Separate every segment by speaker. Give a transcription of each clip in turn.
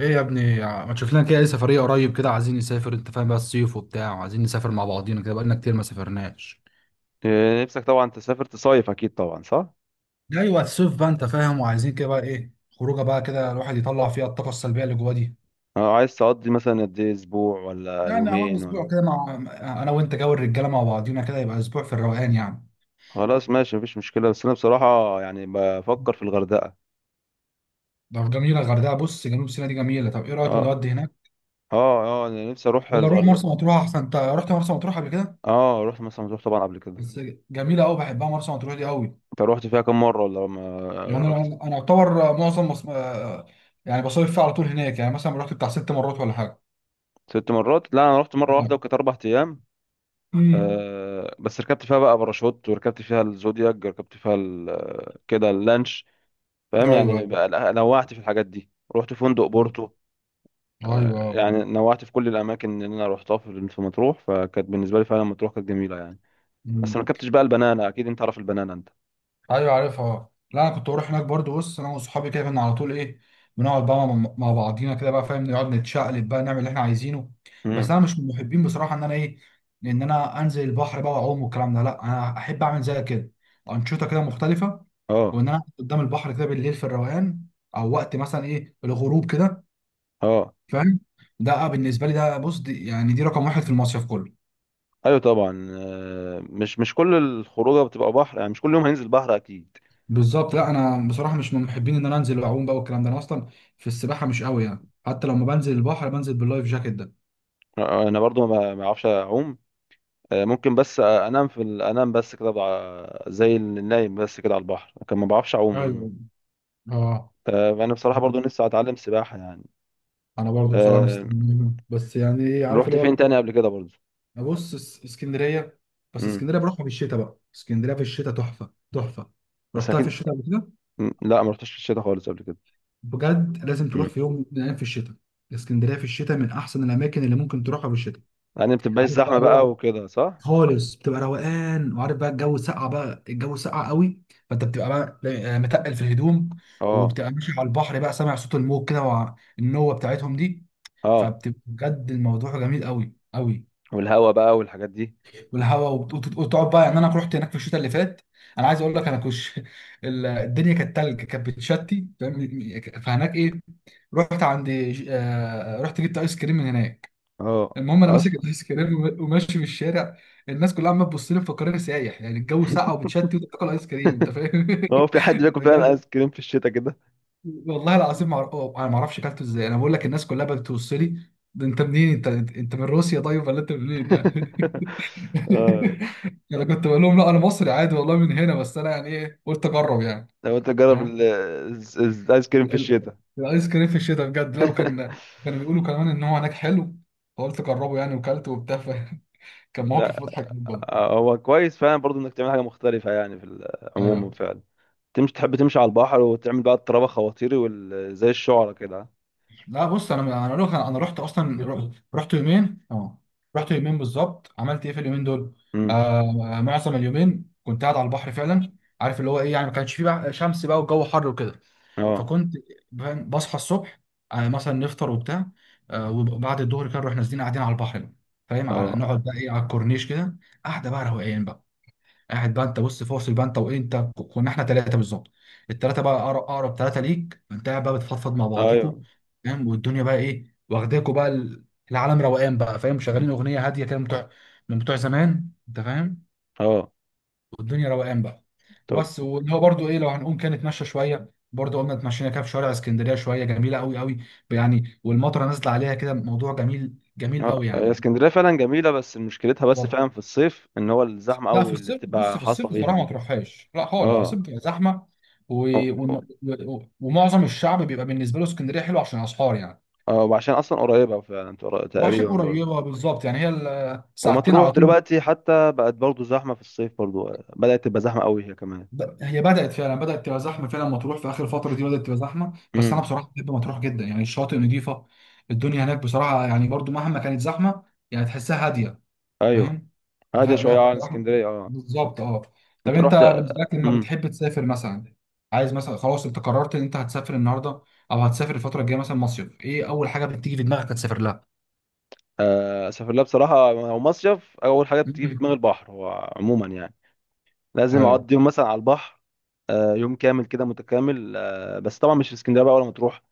Speaker 1: ايه يا ابني، ما تشوف لنا كده اي سفريه قريب كده؟ عايزين نسافر، انت فاهم بقى، الصيف وبتاع، وعايزين نسافر مع بعضينا كده، بقالنا كتير ما سافرناش.
Speaker 2: إيه، نفسك طبعا تسافر تصيف، اكيد طبعا صح.
Speaker 1: ايوه، الصيف بقى انت فاهم، وعايزين كده بقى ايه. خروجه بقى كده، الواحد يطلع فيها الطاقه السلبيه اللي جواه دي.
Speaker 2: عايز تقضي مثلا قد ايه، اسبوع ولا
Speaker 1: يعني اهو
Speaker 2: يومين ولا...
Speaker 1: اسبوع كده مع انا وانت جو الرجاله مع بعضينا كده، يبقى اسبوع في الروقان يعني.
Speaker 2: خلاص ماشي، مفيش مشكله، بس انا بصراحه يعني بفكر في الغردقه.
Speaker 1: طب جميله الغردقه، بص، جنوب سيناء دي جميله. طب ايه رايك
Speaker 2: اه،
Speaker 1: نودي هناك؟
Speaker 2: اه، اه، انا نفسي اروح
Speaker 1: ولا نروح
Speaker 2: الغردقه.
Speaker 1: مرسى مطروح احسن؟ انت رحت مرسى مطروح قبل كده؟
Speaker 2: اه، رحت مثلا مطروح طبعا قبل كده.
Speaker 1: بس جميله قوي، بحبها مرسى مطروح دي قوي.
Speaker 2: انت رحت فيها كام مره ولا ما
Speaker 1: يعني
Speaker 2: رحت؟
Speaker 1: انا اعتبر معظم مص... آه، يعني بصيف فيه على طول هناك، يعني مثلا رحت بتاع 6 مرات ولا حاجه.
Speaker 2: 6 مرات؟ لا، انا رحت مره واحده وكانت 4 ايام.
Speaker 1: امم.
Speaker 2: بس ركبت فيها بقى باراشوت، وركبت فيها الزودياك، ركبت فيها كده اللانش. فاهم؟
Speaker 1: ايوه.
Speaker 2: يعني بقى نوعت في الحاجات دي. رحت فندق بورتو.
Speaker 1: ايوه.
Speaker 2: يعني نوعت في كل الاماكن اللي انا روحتها في في مطروح، فكانت بالنسبه لي فعلا مطروح كانت جميله يعني. بس ما
Speaker 1: امم.
Speaker 2: ركبتش بقى البنانا، اكيد انت عارف البنانا انت.
Speaker 1: ايوه، عارفها. لا، انا كنت بروح هناك برضو، بص، انا وصحابي كده كنا على طول ايه، بنقعد بقى مع بعضينا كده بقى، فاهم؟ نقعد نتشقلب بقى، نعمل اللي احنا عايزينه. بس
Speaker 2: امم
Speaker 1: انا مش من محبين بصراحه ان انا انزل البحر بقى واعوم والكلام ده. لا، انا احب اعمل زي كده انشطه كده مختلفه.
Speaker 2: اه،
Speaker 1: وان انا قدام البحر كده بالليل في الروقان، او وقت مثلا ايه الغروب كده،
Speaker 2: اه،
Speaker 1: فاهم. ده بالنسبه لي، ده بص، دي يعني دي رقم واحد في المصيف كله.
Speaker 2: ايوه طبعا. مش كل الخروجه بتبقى بحر، يعني مش كل يوم هننزل بحر اكيد.
Speaker 1: بالظبط. لا، انا بصراحه مش من محبين ان انا انزل واعوم بقى والكلام ده. انا اصلا في السباحه مش قوي يعني، حتى لما بنزل البحر بنزل باللايف جاكيت ده.
Speaker 2: انا برضو ما بعرفش اعوم. ممكن بس، انام في انام بس كده زي النايم بس كده على البحر، لكن ما بعرفش اعوم.
Speaker 1: ايوه. اه،
Speaker 2: فانا بصراحه برضو لسه اتعلم سباحه يعني.
Speaker 1: انا برضه بصراحه
Speaker 2: آه،
Speaker 1: بس يعني ايه، عارف
Speaker 2: رحت
Speaker 1: اللي
Speaker 2: فين
Speaker 1: هو.
Speaker 2: تاني قبل كده برضو؟
Speaker 1: ابص، اسكندريه. بس
Speaker 2: امم.
Speaker 1: اسكندريه بروحها في الشتاء بقى، اسكندريه في الشتاء تحفه تحفه.
Speaker 2: بس
Speaker 1: رحتها في
Speaker 2: اكيد.
Speaker 1: الشتاء قبل كده؟
Speaker 2: مم. لا، ما رحتش في الشتاء خالص قبل كده.
Speaker 1: بجد، لازم تروح
Speaker 2: مم.
Speaker 1: في يوم من الايام في الشتاء. اسكندريه في الشتاء من احسن الاماكن اللي ممكن تروحها في الشتاء.
Speaker 2: يعني ما بتبقاش
Speaker 1: عارف بقى
Speaker 2: زحمه
Speaker 1: اللي
Speaker 2: بقى
Speaker 1: هو،
Speaker 2: وكده، صح؟
Speaker 1: خالص بتبقى روقان. وعارف بقى الجو سقع بقى، الجو سقع قوي. فانت بتبقى بقى متقل في الهدوم.
Speaker 2: اه،
Speaker 1: وبتبقى ماشي على البحر بقى، سامع صوت الموج كده، والنوة بتاعتهم دي.
Speaker 2: اه.
Speaker 1: فبتبقى بجد الموضوع جميل قوي قوي.
Speaker 2: والهوا بقى والحاجات دي.
Speaker 1: والهواء وتقعد بقى، يعني انا رحت هناك في الشتاء اللي فات. انا عايز اقول لك، انا الدنيا كانت تلج، كانت بتشتي، فاهم؟ فهناك ايه، رحت عند ج- آه، رحت جبت ايس كريم من هناك.
Speaker 2: اه.
Speaker 1: المهم انا ماسك
Speaker 2: اصلا...
Speaker 1: الايس كريم وماشي في الشارع. الناس كلها عماله تبص لي مفكراني سايح، يعني الجو ساقع وبتشتي وتاكل ايس كريم، انت فاهم.
Speaker 2: هو في حد بياكل فعلا
Speaker 1: بجد،
Speaker 2: ايس كريم في الشتاء كده؟
Speaker 1: والله العظيم ما أعرف- أوه، انا ما اعرفش اكلته ازاي. انا بقول لك، الناس كلها بتبص لي، ده انت منين انت؟ انت من روسيا طيب ولا انت منين يعني؟
Speaker 2: اه.
Speaker 1: انا كنت بقول لهم لا، انا مصري عادي والله من هنا، بس انا يعني ايه، قلت اجرب يعني،
Speaker 2: لو انت تجرب
Speaker 1: فاهم.
Speaker 2: الايس كريم
Speaker 1: ال-
Speaker 2: في
Speaker 1: ال-
Speaker 2: الشتاء...
Speaker 1: الايس كريم في الشتاء بجد، لو كان كانوا بيقولوا كمان ان هو هناك حلو، فقلت اجربه يعني وكلته وبتاع. كان موقف
Speaker 2: لا.
Speaker 1: مضحك جدا.
Speaker 2: هو كويس فعلا برضو انك تعمل حاجه مختلفه، يعني في عموما
Speaker 1: ايوه.
Speaker 2: فعلا. تمشي، تحب تمشي على البحر، وتعمل بقى الطرابه خواطيري زي الشعرة كده.
Speaker 1: لا بص، انا اقول لك، انا رحت اصلا رحت يومين اه. رحت يومين بالظبط، عملت ايه في اليومين دول؟
Speaker 2: امم.
Speaker 1: آه، معظم اليومين كنت قاعد على البحر فعلا. عارف اللي هو ايه؟ يعني ما كانش فيه بقى شمس بقى والجو حر وكده.
Speaker 2: اه،
Speaker 1: فكنت فاهم، بصحى الصبح، مثلا نفطر وبتاع، وبعد الظهر كده نروح نازلين قاعدين على البحر. فاهم، على
Speaker 2: اه،
Speaker 1: نقعد بقى ايه، على الكورنيش كده. قاعده بقى روقان بقى، قاعد بقى انت، بص فاصل بقى انت، وانت كنا احنا 3 بالظبط. الثلاثه بقى، اقرب اقرب 3 ليك، انت قاعد بقى بتفضفض مع بعضيكوا،
Speaker 2: ايوه،
Speaker 1: فاهم، والدنيا بقى ايه واخداكوا بقى العالم روقان بقى، فاهم، شغالين اغنيه هاديه كده من بتوع زمان، انت فاهم.
Speaker 2: اه.
Speaker 1: والدنيا روقان بقى.
Speaker 2: طب.
Speaker 1: بس واللي هو برضو ايه، لو هنقوم كده نتمشى شويه، برضو قمنا اتمشينا كده في شوارع اسكندريه شويه، جميله قوي قوي يعني. والمطره نازله عليها كده، موضوع جميل جميل
Speaker 2: اه،
Speaker 1: قوي
Speaker 2: هي
Speaker 1: يعني.
Speaker 2: اسكندريه فعلا جميله، بس مشكلتها بس فعلا في الصيف ان هو الزحمه
Speaker 1: لا في
Speaker 2: قوي اللي
Speaker 1: الصيف، بص،
Speaker 2: بتبقى
Speaker 1: في
Speaker 2: حاصله
Speaker 1: الصيف
Speaker 2: فيها
Speaker 1: بصراحه ما
Speaker 2: دي.
Speaker 1: تروحهاش لا خالص، في الصيف
Speaker 2: اه،
Speaker 1: بتبقى زحمه و...
Speaker 2: اه، اه،
Speaker 1: و... ومعظم الشعب بيبقى بالنسبه له اسكندريه حلوه عشان اسعار يعني.
Speaker 2: اه، وعشان اصلا قريبه فعلا
Speaker 1: وعشان
Speaker 2: تقريبا برضو.
Speaker 1: قريبه بالظبط، يعني هي ساعتين
Speaker 2: ومطروح
Speaker 1: على طول.
Speaker 2: دلوقتي حتى بقت برضو زحمه في الصيف برضو، بدات تبقى زحمه قوي هي كمان.
Speaker 1: هي بدات فعلا، بدات تبقى زحمه فعلا مطروح في اخر الفتره دي، بدات تبقى زحمه. بس انا
Speaker 2: امم،
Speaker 1: بصراحه بحب مطروح جدا يعني، الشاطئ نظيفه. الدنيا هناك بصراحه يعني، برضو مهما كانت زحمه، يعني تحسها هاديه،
Speaker 2: ايوه.
Speaker 1: فاهم.
Speaker 2: هاديه
Speaker 1: فلا
Speaker 2: شويه عن
Speaker 1: بصراحه.
Speaker 2: اسكندريه، اه.
Speaker 1: بالظبط اه. طب
Speaker 2: انت
Speaker 1: انت
Speaker 2: رحت.
Speaker 1: بالنسبه لك لما
Speaker 2: امم.
Speaker 1: بتحب تسافر مثلا، عايز مثلا، خلاص انت قررت ان انت هتسافر النهارده او هتسافر الفتره الجايه مثلا، مصيف ايه اول حاجه بتيجي في دماغك هتسافر لها؟
Speaker 2: اسافر لها بصراحه، هو مصيف اول حاجه بتيجي في
Speaker 1: مم.
Speaker 2: دماغ البحر هو عموما يعني. لازم
Speaker 1: ايوه.
Speaker 2: اقضي يوم مثلا على البحر، يوم كامل كده متكامل. بس طبعا مش في اسكندريه بقى ولا مطروح،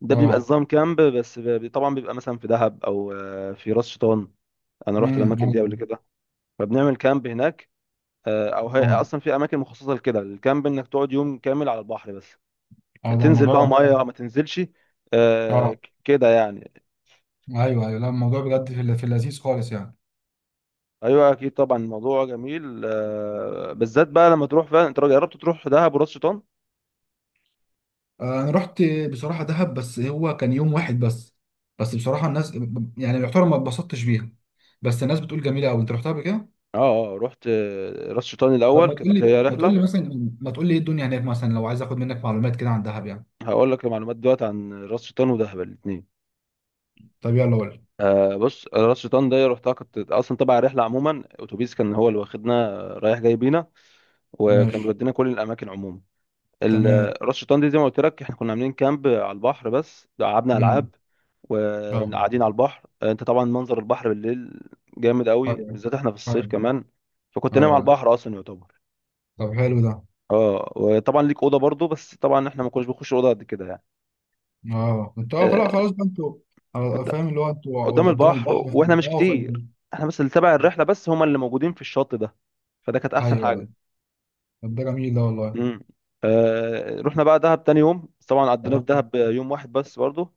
Speaker 2: ده بيبقى
Speaker 1: اه.
Speaker 2: نظام كامب. طبعا بيبقى مثلا في دهب او في راس شيطان. انا رحت
Speaker 1: امم.
Speaker 2: الاماكن دي
Speaker 1: ايوه.
Speaker 2: قبل كده، فبنعمل كامب هناك. او هي
Speaker 1: اه.
Speaker 2: اصلا في اماكن مخصصه لكده الكامب، انك تقعد يوم كامل على البحر بس.
Speaker 1: اه، ده
Speaker 2: تنزل
Speaker 1: الموضوع
Speaker 2: بقى
Speaker 1: جميل.
Speaker 2: ميه ما تنزلش،
Speaker 1: اه،
Speaker 2: كده يعني.
Speaker 1: ايوه، ايوه، لا الموضوع بجد في في اللذيذ خالص يعني.
Speaker 2: ايوه اكيد طبعا الموضوع جميل، بالذات بقى لما تروح فعلا. انت جربت تروح دهب وراس شيطان؟
Speaker 1: انا رحت بصراحه دهب، بس هو كان يوم واحد بس. بس بصراحه الناس، يعني يعتبر ما اتبسطتش بيها. بس الناس بتقول جميله قوي. انت رحتها قبل كده؟
Speaker 2: اه، اه، رحت. راس شيطان
Speaker 1: طب
Speaker 2: الاول كانت هي رحله.
Speaker 1: ما تقول لي ايه الدنيا هناك مثلا، لو عايز اخد منك معلومات كده عن دهب يعني.
Speaker 2: هقول لك المعلومات دلوقتي عن راس شيطان ودهب الاثنين.
Speaker 1: طب يلا قول لي.
Speaker 2: بص، راس شيطان ده رحتها كنت اصلا تبع الرحله عموما، اتوبيس كان هو اللي واخدنا، رايح جاي بينا، وكان
Speaker 1: ماشي.
Speaker 2: بيودينا كل الاماكن عموما.
Speaker 1: تمام.
Speaker 2: راس شيطان دي زي ما قلت لك احنا كنا عاملين كامب على البحر، بس لعبنا
Speaker 1: امم.
Speaker 2: العاب
Speaker 1: اه.
Speaker 2: وقاعدين على البحر. انت طبعا منظر البحر بالليل جامد قوي،
Speaker 1: ايوه.
Speaker 2: بالذات احنا في الصيف
Speaker 1: ايوه.
Speaker 2: كمان، فكنت نايم على
Speaker 1: ايوه.
Speaker 2: البحر اصلا يعتبر.
Speaker 1: طب حلو ده.
Speaker 2: اه، وطبعا ليك اوضه برضو، بس طبعا احنا ما كناش بنخش اوضه قد كده يعني.
Speaker 1: اه، انت. اه، خلاص،
Speaker 2: آه،
Speaker 1: خلاص بقى انتوا.
Speaker 2: قد-
Speaker 1: فاهم اللي هو انتوا
Speaker 2: قدام
Speaker 1: قدام
Speaker 2: البحر، و-
Speaker 1: البحر
Speaker 2: واحنا مش كتير، احنا بس اللي تبع الرحله بس هم اللي موجودين في الشط ده، فده كانت احسن
Speaker 1: ايوه، ايوه.
Speaker 2: حاجه.
Speaker 1: طب ده جميل ده والله.
Speaker 2: امم. رحنا بقى دهب تاني يوم، بس طبعا قضينا في
Speaker 1: آه،
Speaker 2: دهب يوم واحد بس برضه.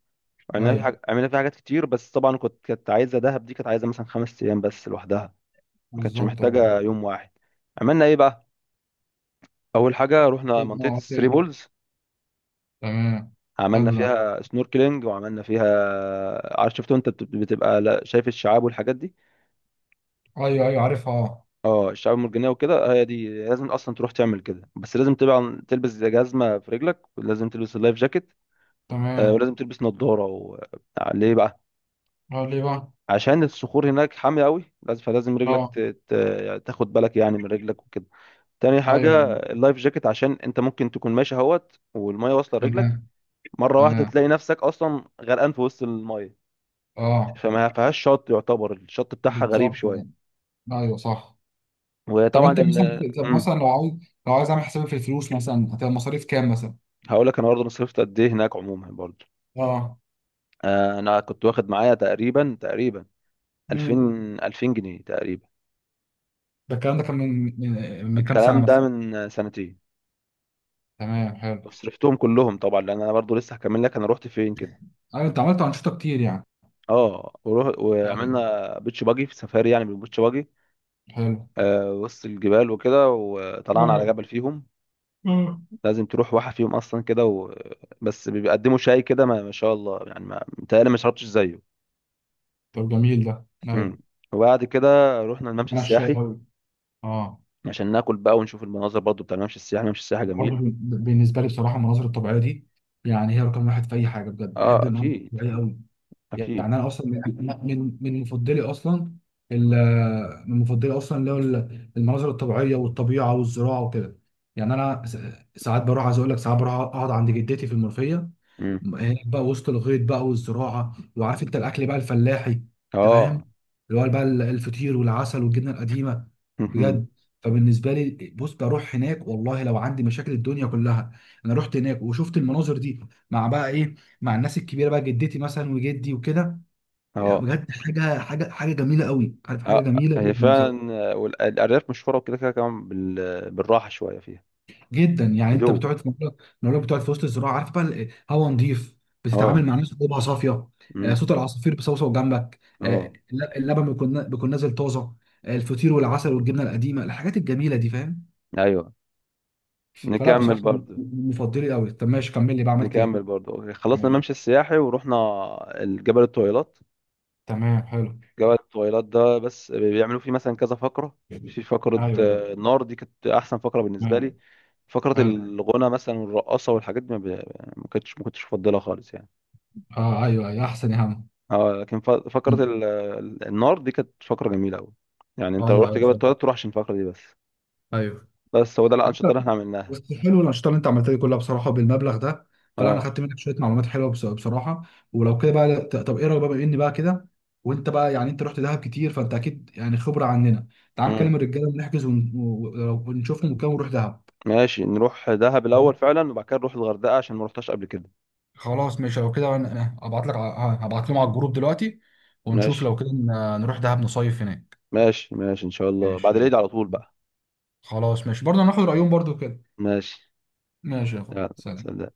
Speaker 2: عملنا في
Speaker 1: ايوه
Speaker 2: حاجة عملنا في حاجات كتير، بس طبعا كانت عايزه دهب دي كانت عايزه مثلا 5 ايام بس لوحدها، ما كانتش
Speaker 1: بالظبط اه.
Speaker 2: محتاجه يوم واحد. عملنا ايه بقى؟ اول حاجه رحنا
Speaker 1: اه،
Speaker 2: منطقه الثري
Speaker 1: اوكي.
Speaker 2: بولز.
Speaker 1: تمام.
Speaker 2: عملنا
Speaker 1: حلو ده.
Speaker 2: فيها سنوركلينج، وعملنا فيها عارف، شفتوا انت بتبقى شايف الشعاب والحاجات دي.
Speaker 1: ايوه، ايوه عارفها اه.
Speaker 2: اه، الشعاب المرجانيه وكده، هي دي لازم اصلا تروح تعمل كده، بس لازم طبعا تلبس جزمه في رجلك، ولازم تلبس اللايف جاكيت،
Speaker 1: تمام.
Speaker 2: ولازم تلبس نظاره و... ليه بقى؟
Speaker 1: اه، ليه بقى؟
Speaker 2: عشان الصخور هناك حاميه قوي، لازم، فلازم رجلك
Speaker 1: اه.
Speaker 2: يعني تاخد بالك يعني من رجلك وكده. تاني
Speaker 1: ايوه،
Speaker 2: حاجه اللايف جاكيت، عشان انت ممكن تكون ماشي اهوت والميه واصله لرجلك،
Speaker 1: تمام
Speaker 2: مره واحده
Speaker 1: تمام.
Speaker 2: تلاقي نفسك اصلا غرقان في وسط الميه،
Speaker 1: اه،
Speaker 2: فما فيهاش شط، يعتبر الشط بتاعها غريب
Speaker 1: بالظبط.
Speaker 2: شويه.
Speaker 1: ايوه صح. طب
Speaker 2: وطبعا
Speaker 1: انت
Speaker 2: ال...
Speaker 1: مثلا، طب مثلا لو عايز اعمل حسابي في الفلوس مثلا، هتبقى مصاريف كام مثلا؟
Speaker 2: هقول لك انا برضه أنا صرفت قد ايه هناك عموما برضه.
Speaker 1: اه.
Speaker 2: انا كنت واخد معايا تقريبا 2000...
Speaker 1: امم.
Speaker 2: 2000 جنيه تقريبا.
Speaker 1: ده الكلام ده كان من كام سنه
Speaker 2: الكلام ده
Speaker 1: مثلا؟
Speaker 2: من سنتين،
Speaker 1: تمام حلو.
Speaker 2: وصرفتهم كلهم طبعا، لان انا برضو لسه هكمل لك انا رحت فين كده.
Speaker 1: ايوه، انت عملت انشطه كتير يعني.
Speaker 2: اه،
Speaker 1: ايوه.
Speaker 2: وعملنا بيتش باجي في سفاري، يعني بالبيتش باجي،
Speaker 1: حلو.
Speaker 2: وسط الجبال وكده، وطلعنا على
Speaker 1: اه.
Speaker 2: جبل فيهم.
Speaker 1: اه،
Speaker 2: لازم تروح واحد فيهم اصلا كده و... بس بيقدموا شاي كده، ما شاء الله يعني، ما متهيألي ما شربتش زيه.
Speaker 1: طب جميل ده. ايوه،
Speaker 2: مم. وبعد كده رحنا الممشى
Speaker 1: انا الشاي
Speaker 2: السياحي،
Speaker 1: أوي. اه،
Speaker 2: عشان ناكل بقى ونشوف المناظر، برضو بتاع الممشى السياحي، الممشى السياحي
Speaker 1: برضه
Speaker 2: جميل.
Speaker 1: بالنسبه لي بصراحه المناظر الطبيعيه دي، يعني هي رقم واحد في اي حاجه، بجد بحب
Speaker 2: اه،
Speaker 1: المناظر
Speaker 2: اكيد،
Speaker 1: الطبيعيه قوي. يعني
Speaker 2: اكيد.
Speaker 1: انا اصلا من مفضلي اصلا، من مفضلي اصلا اللي هو المناظر الطبيعيه والطبيعه والزراعه وكده. يعني انا ساعات بروح، عايز اقول لك ساعات بروح اقعد عند جدتي في المنوفيه،
Speaker 2: امم.
Speaker 1: هناك بقى وسط الغيط بقى والزراعه، وعارف انت الاكل بقى الفلاحي، انت
Speaker 2: اه.
Speaker 1: فاهم، اللي هو بقى الفطير والعسل والجبنه القديمه.
Speaker 2: مهم.
Speaker 1: بجد، فبالنسبه لي بص بروح هناك والله، لو عندي مشاكل الدنيا كلها انا رحت هناك وشفت المناظر دي، مع بقى ايه، مع الناس الكبيره بقى جدتي مثلا وجدي وكده. يعني
Speaker 2: اه،
Speaker 1: بجد حاجه جميله قوي، عارف حاجه
Speaker 2: اه،
Speaker 1: جميله
Speaker 2: هي
Speaker 1: جدا بصراحه.
Speaker 2: فعلا والارياف مشهوره وكده كده كمان بالراحه شويه فيها.
Speaker 1: جدا يعني، انت
Speaker 2: هدوء.
Speaker 1: بتقعد في مكان، لو بتقعد في وسط الزراعه، عارف بقى هوا نظيف، بتتعامل
Speaker 2: اه.
Speaker 1: مع ناس قلوبها صافيه.
Speaker 2: امم.
Speaker 1: صوت العصافير بصوصو جنبك،
Speaker 2: اه،
Speaker 1: اللبن بيكون نازل طازه. الفطير والعسل والجبنه القديمه، الحاجات الجميله دي، فاهم.
Speaker 2: ايوه.
Speaker 1: فلا
Speaker 2: نكمل
Speaker 1: بصراحه من
Speaker 2: برضه.
Speaker 1: مفضلي قوي. طب ماشي، كمل لي بقى، عملت ايه؟
Speaker 2: نكمل برضه أوكي. خلصنا
Speaker 1: ماشي.
Speaker 2: الممشى السياحي ورحنا الجبل الطويلات.
Speaker 1: تمام حلو.
Speaker 2: جبل الطويلات ده بس بيعملوا فيه مثلا كذا فقره. في فقره،
Speaker 1: ايوه.
Speaker 2: النار دي كانت احسن فقره بالنسبه
Speaker 1: تمام
Speaker 2: لي. فقره
Speaker 1: حلو.
Speaker 2: الغنى مثلا والرقصه والحاجات دي ما كنتش مفضلها خالص يعني.
Speaker 1: اه. ايوه، ايوه احسن يا عم.
Speaker 2: اه، لكن فقرة
Speaker 1: مم.
Speaker 2: النار دي كانت فقرة جميلة أوي. يعني أنت لو
Speaker 1: ايوه،
Speaker 2: رحت
Speaker 1: ايوه
Speaker 2: جبل
Speaker 1: صح.
Speaker 2: التواليت تروح عشان الفقرة دي بس.
Speaker 1: ايوه.
Speaker 2: بس هو ده الأنشطة اللي احنا عملناها.
Speaker 1: بس حلو الانشطه اللي انت عملتها دي كلها بصراحه بالمبلغ ده. فلا انا
Speaker 2: اه.
Speaker 1: خدت منك شويه معلومات حلوه، بصراحه. ولو كده بقى، طب ايه رايك بقى، بما اني بقى كده، وانت بقى يعني انت رحت دهب كتير، فانت اكيد يعني خبره عننا، تعال نكلم
Speaker 2: امم.
Speaker 1: الرجاله ونحجز ونشوفهم وكده ونروح دهب.
Speaker 2: ماشي، نروح دهب
Speaker 1: تمام؟
Speaker 2: الأول فعلا، وبعد كده نروح الغردقة، عشان ما رحتهاش قبل كده.
Speaker 1: خلاص ماشي، لو كده انا هبعت لك، هبعت لهم على الجروب دلوقتي، ونشوف
Speaker 2: ماشي
Speaker 1: لو كده نروح دهب نصيف هناك.
Speaker 2: ماشي ماشي إن شاء الله بعد
Speaker 1: ماشي
Speaker 2: العيد
Speaker 1: يلا.
Speaker 2: على طول بقى.
Speaker 1: خلاص ماشي، برضه هناخد رايهم برضه كده.
Speaker 2: ماشي،
Speaker 1: ماشي يا اخو،
Speaker 2: يلا،
Speaker 1: سلام.
Speaker 2: سلام.